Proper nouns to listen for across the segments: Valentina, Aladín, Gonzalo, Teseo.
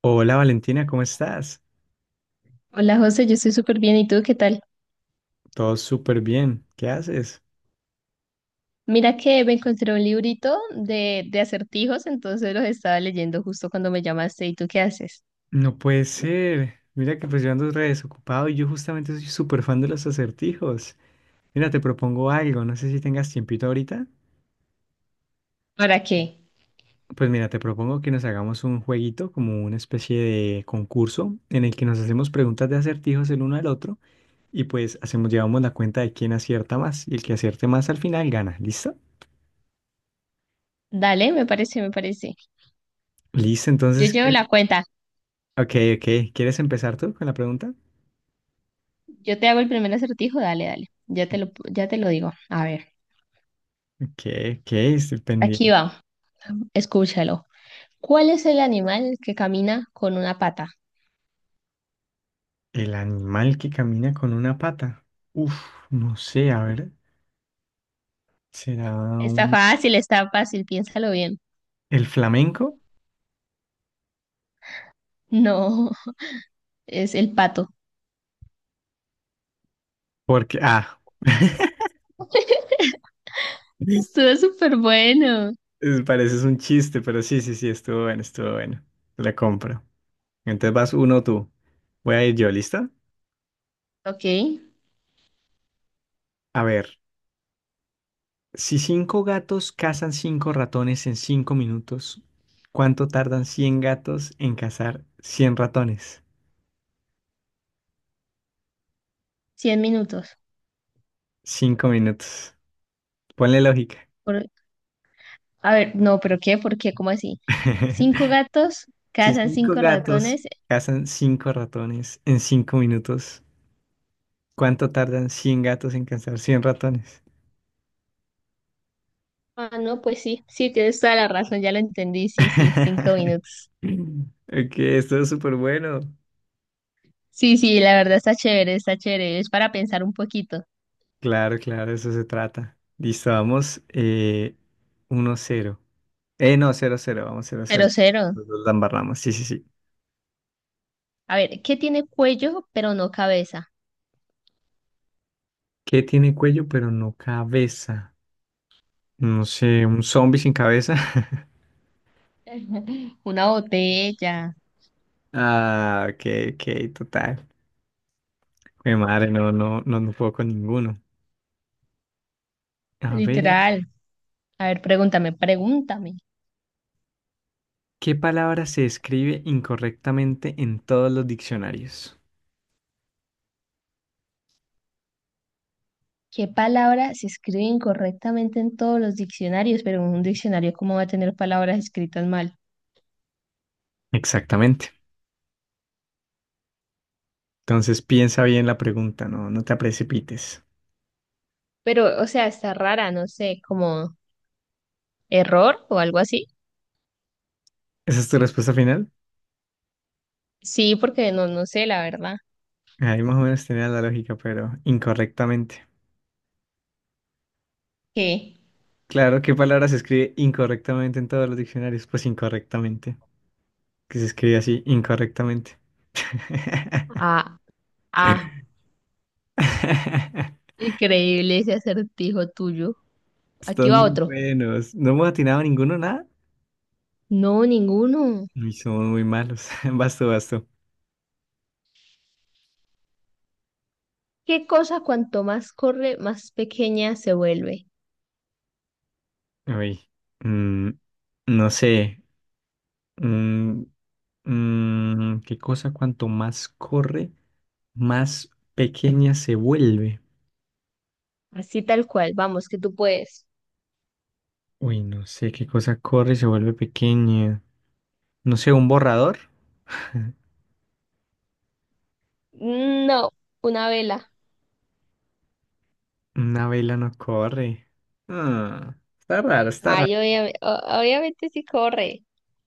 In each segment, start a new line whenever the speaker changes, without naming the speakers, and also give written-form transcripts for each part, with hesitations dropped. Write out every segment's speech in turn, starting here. Hola Valentina, ¿cómo estás?
Hola José, yo estoy súper bien. ¿Y tú qué tal?
Todo súper bien. ¿Qué haces?
Mira que me encontré un librito de acertijos, entonces los estaba leyendo justo cuando me llamaste. ¿Y tú qué haces?
No puede ser. Mira que pues yo ando re desocupado y yo justamente soy súper fan de los acertijos. Mira, te propongo algo. No sé si tengas tiempito ahorita.
¿Para qué?
Pues mira, te propongo que nos hagamos un jueguito, como una especie de concurso en el que nos hacemos preguntas de acertijos el uno al otro y pues hacemos, llevamos la cuenta de quién acierta más y el que acierte más al final gana. ¿Listo?
Dale, me parece.
Listo,
Yo
entonces,
llevo
¿quieres?
la cuenta.
Ok, ok. ¿Quieres empezar tú con la pregunta?
Yo te hago el primer acertijo. Dale. Ya te lo digo. A ver,
¿Qué? ¿Qué? Estoy
aquí
pendiente.
va. Escúchalo. ¿Cuál es el animal que camina con una pata?
El animal que camina con una pata. Uf, no sé, a ver. ¿Será un...
Está fácil. Piénsalo bien.
el flamenco?
No, es el pato.
Porque,
Estuvo súper bueno.
pareces un chiste, pero sí, sí, sí, estuvo bueno, estuvo bueno. La compro. Entonces vas uno tú. Voy a ir yo, ¿lista?
Ok,
A ver, si cinco gatos cazan cinco ratones en 5 minutos, ¿cuánto tardan 100 gatos en cazar 100 ratones?
100 minutos.
5 minutos. Ponle lógica.
Por A ver, no, pero ¿qué? ¿Por qué? ¿Cómo así? Cinco gatos
Si
cazan
cinco
cinco
gatos
ratones.
cazan cinco ratones en cinco minutos, ¿cuánto tardan 100 gatos en cazar 100 ratones?
Ah, no, pues sí, sí, tienes toda la razón, ya lo entendí, sí, sí, cinco minutos.
Ok, esto es súper bueno.
Sí, sí, la verdad está chévere, es para pensar un poquito.
Claro, claro, eso se trata. Listo, vamos 1-0. No, 0-0, vamos 0-0.
Pero cero.
Los dos la embarramos, sí, sí, sí.
A ver, ¿qué tiene cuello pero no cabeza?
¿Qué tiene cuello pero no cabeza? No sé, un zombie sin cabeza.
Una botella,
Ah, ok, ok, total. Mi madre, no, no, no, no puedo con ninguno. A ver.
literal. A ver, pregúntame.
¿Qué palabra se escribe incorrectamente en todos los diccionarios?
¿Qué palabra se escribe incorrectamente en todos los diccionarios? Pero en un diccionario, ¿cómo va a tener palabras escritas mal?
Exactamente. Entonces piensa bien la pregunta, no, no te precipites.
Pero, o sea, está rara, no sé, como error o algo así.
¿Esa es tu respuesta final?
Sí, porque no sé, la verdad.
Ahí más o menos tenía la lógica, pero incorrectamente.
¿Qué?
Claro, ¿qué palabra se escribe incorrectamente en todos los diccionarios? Pues incorrectamente. Que se escribe así, incorrectamente.
Ah, ah, increíble ese acertijo tuyo. Aquí
Están
va
muy
otro.
buenos. ¿No hemos atinado ninguno, nada?
No, ninguno.
Y somos muy malos. Basto, basto.
¿Qué cosa cuanto más corre, más pequeña se vuelve?
Uy. mm, no sé. Mm, ¿qué cosa cuanto más corre, más pequeña se vuelve?
Así tal cual, vamos, que tú puedes.
Uy, no sé qué cosa corre y se vuelve pequeña. No sé, un borrador.
No, una vela.
Una vela no corre. Ah, está raro, está raro.
Ay, obviamente sí corre.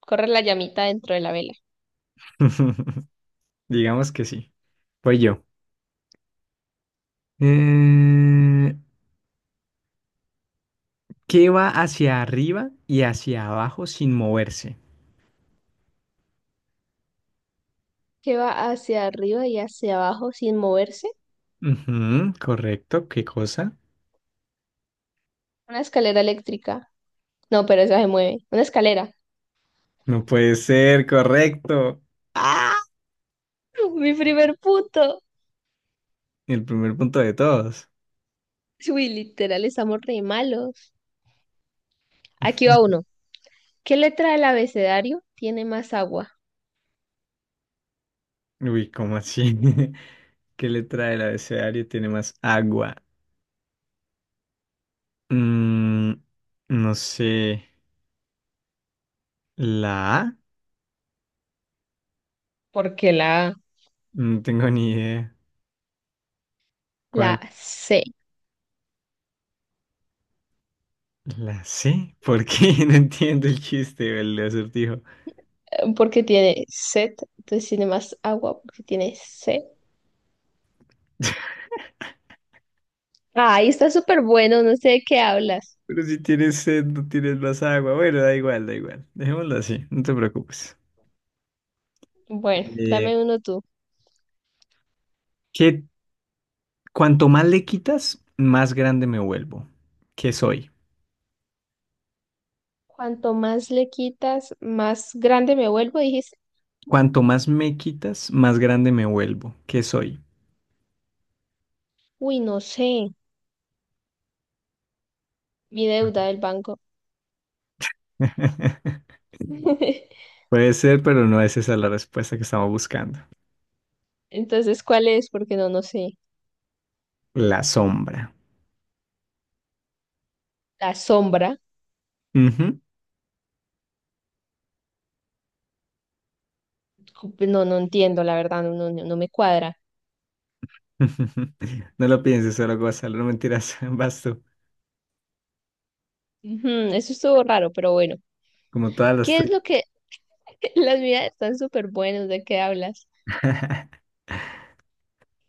Corre la llamita dentro de la vela.
Digamos que sí. Pues yo. Eh, ¿qué va hacia arriba y hacia abajo sin moverse?
Que va hacia arriba y hacia abajo sin moverse.
Ujú, correcto, ¿qué cosa?
Una escalera eléctrica. No, pero esa se mueve. Una escalera.
No puede ser, correcto. ¡Ah!
Mi primer punto.
El primer punto de todos.
Uy, literal, estamos re malos. Aquí va uno. ¿Qué letra del abecedario tiene más agua?
Uy, ¿cómo así? ¿Qué letra del abecedario tiene más agua? Mm, no sé. ¿La A?
Porque la...
No tengo ni idea.
La
¿Cuál?
C.
¿La C? ¿Por qué? No entiendo el chiste o el acertijo.
Porque tiene sed, entonces tiene más agua porque tiene C. Ahí está súper bueno, no sé de qué hablas.
Pero si tienes sed, no tienes más agua. Bueno, da igual, da igual. Dejémoslo así, no te preocupes.
Bueno,
Eh,
dame uno tú.
¿qué- Cuanto más le quitas, más grande me vuelvo. ¿Qué soy?
Cuanto más le quitas, más grande me vuelvo. Dijiste,
Cuanto más me quitas, más grande me vuelvo. ¿Qué soy?
uy, no sé, mi deuda del banco.
Puede ser, pero no es esa la respuesta que estamos buscando.
Entonces, ¿cuál es? Porque no sé.
La sombra.
La sombra,
Ujú.
no, no entiendo, la verdad, no me cuadra.
No lo pienses solo, Gonzalo, no mentiras. Vas tú,
Ujú, eso estuvo raro, pero bueno.
como todas las
¿Qué es
tuyas.
lo que... Las mías están súper buenas, ¿de qué hablas?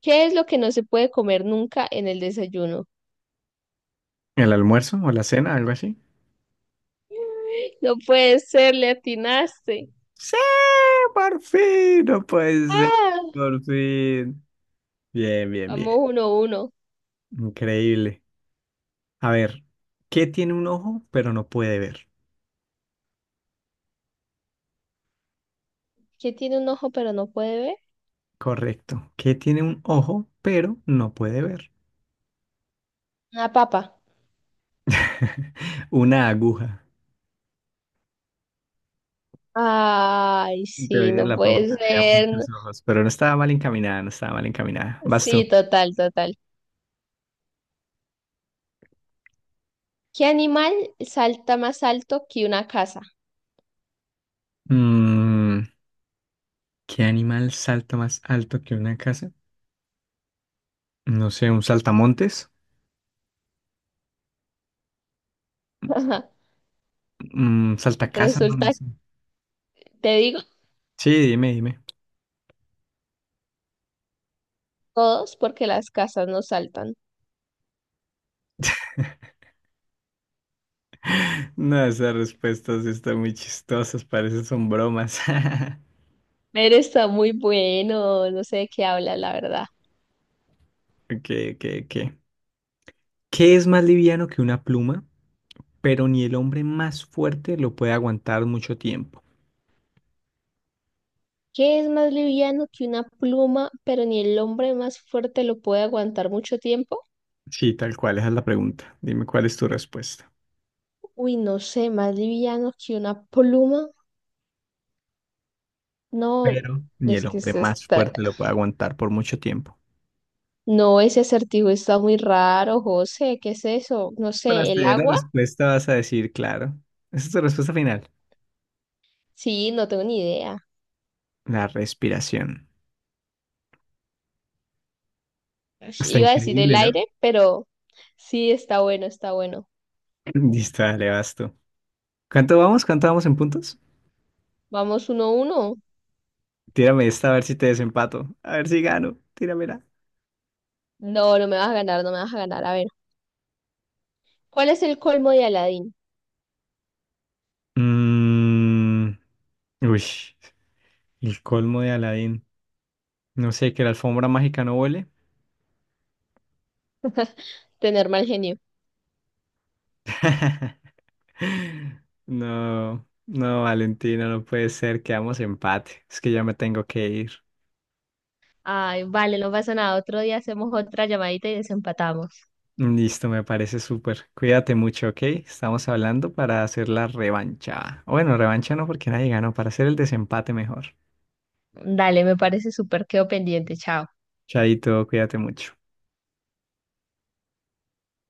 ¿Qué es lo que no se puede comer nunca en el desayuno?
¿El almuerzo o la cena, algo así?
No puede ser, le atinaste.
Sí, por fin, no puede ser,
¡Ah!
por fin. Bien, bien, bien.
Vamos uno a uno.
Increíble. A ver, ¿qué tiene un ojo pero no puede ver?
¿Qué tiene un ojo pero no puede ver?
Correcto. ¿Qué tiene un ojo pero no puede ver?
Una papa.
Una aguja.
Ay,
En
sí,
teoría
no
la papa
puede
tendría muchos
ser.
ojos, pero no estaba mal encaminada, no estaba mal encaminada. Vas tú.
Sí, total, total. ¿Qué animal salta más alto que una casa?
Mm, ¿qué animal salta más alto que una casa? No sé, un saltamontes, un saltacasa, no, no
Resulta
sé.
Te digo
Sí, dime, dime.
todos porque las casas no saltan.
No, esas respuestas sí están muy chistosas, parecen son bromas.
Pero está muy bueno, no sé de qué habla, la verdad.
Ok, ok, ok. ¿Qué es más liviano que una pluma, pero ni el hombre más fuerte lo puede aguantar mucho tiempo?
¿Qué es más liviano que una pluma, pero ni el hombre más fuerte lo puede aguantar mucho tiempo?
Sí, tal cual, esa es la pregunta. Dime cuál es tu respuesta.
Uy, no sé, más liviano que una pluma. No,
Pero ni
es
el
que
hombre
se
más
está...
fuerte lo puede aguantar por mucho tiempo.
no, ese acertijo está muy raro, José. ¿Qué es eso? No
Cuando
sé,
te
¿el
dé la
agua?
respuesta vas a decir, claro. Esa es tu respuesta final.
Sí, no tengo ni idea.
La respiración.
Ush,
Está
iba a decir el
increíble, ¿no?
aire, pero sí, está bueno.
Listo, dale, vas tú. ¿Cuánto vamos? ¿Cuánto vamos en puntos?
Vamos uno a uno.
Tírame esta a ver si te desempato. A ver si gano. Tíramela.
No, no me vas a ganar, no me vas a ganar. A ver, ¿cuál es el colmo de Aladín?
Mm, uy, el colmo de Aladín. No sé, que la alfombra mágica no huele.
Tener mal genio.
No, no, Valentina, no puede ser, quedamos empate. Es que ya me tengo que ir.
Ay, vale, no pasa nada. Otro día hacemos otra llamadita y desempatamos.
Listo, me parece súper. Cuídate mucho, ¿ok? Estamos hablando para hacer la revancha. O bueno, revancha no porque nadie ganó, para hacer el desempate mejor.
Dale, me parece súper. Quedo pendiente. Chao.
Chaito, cuídate mucho.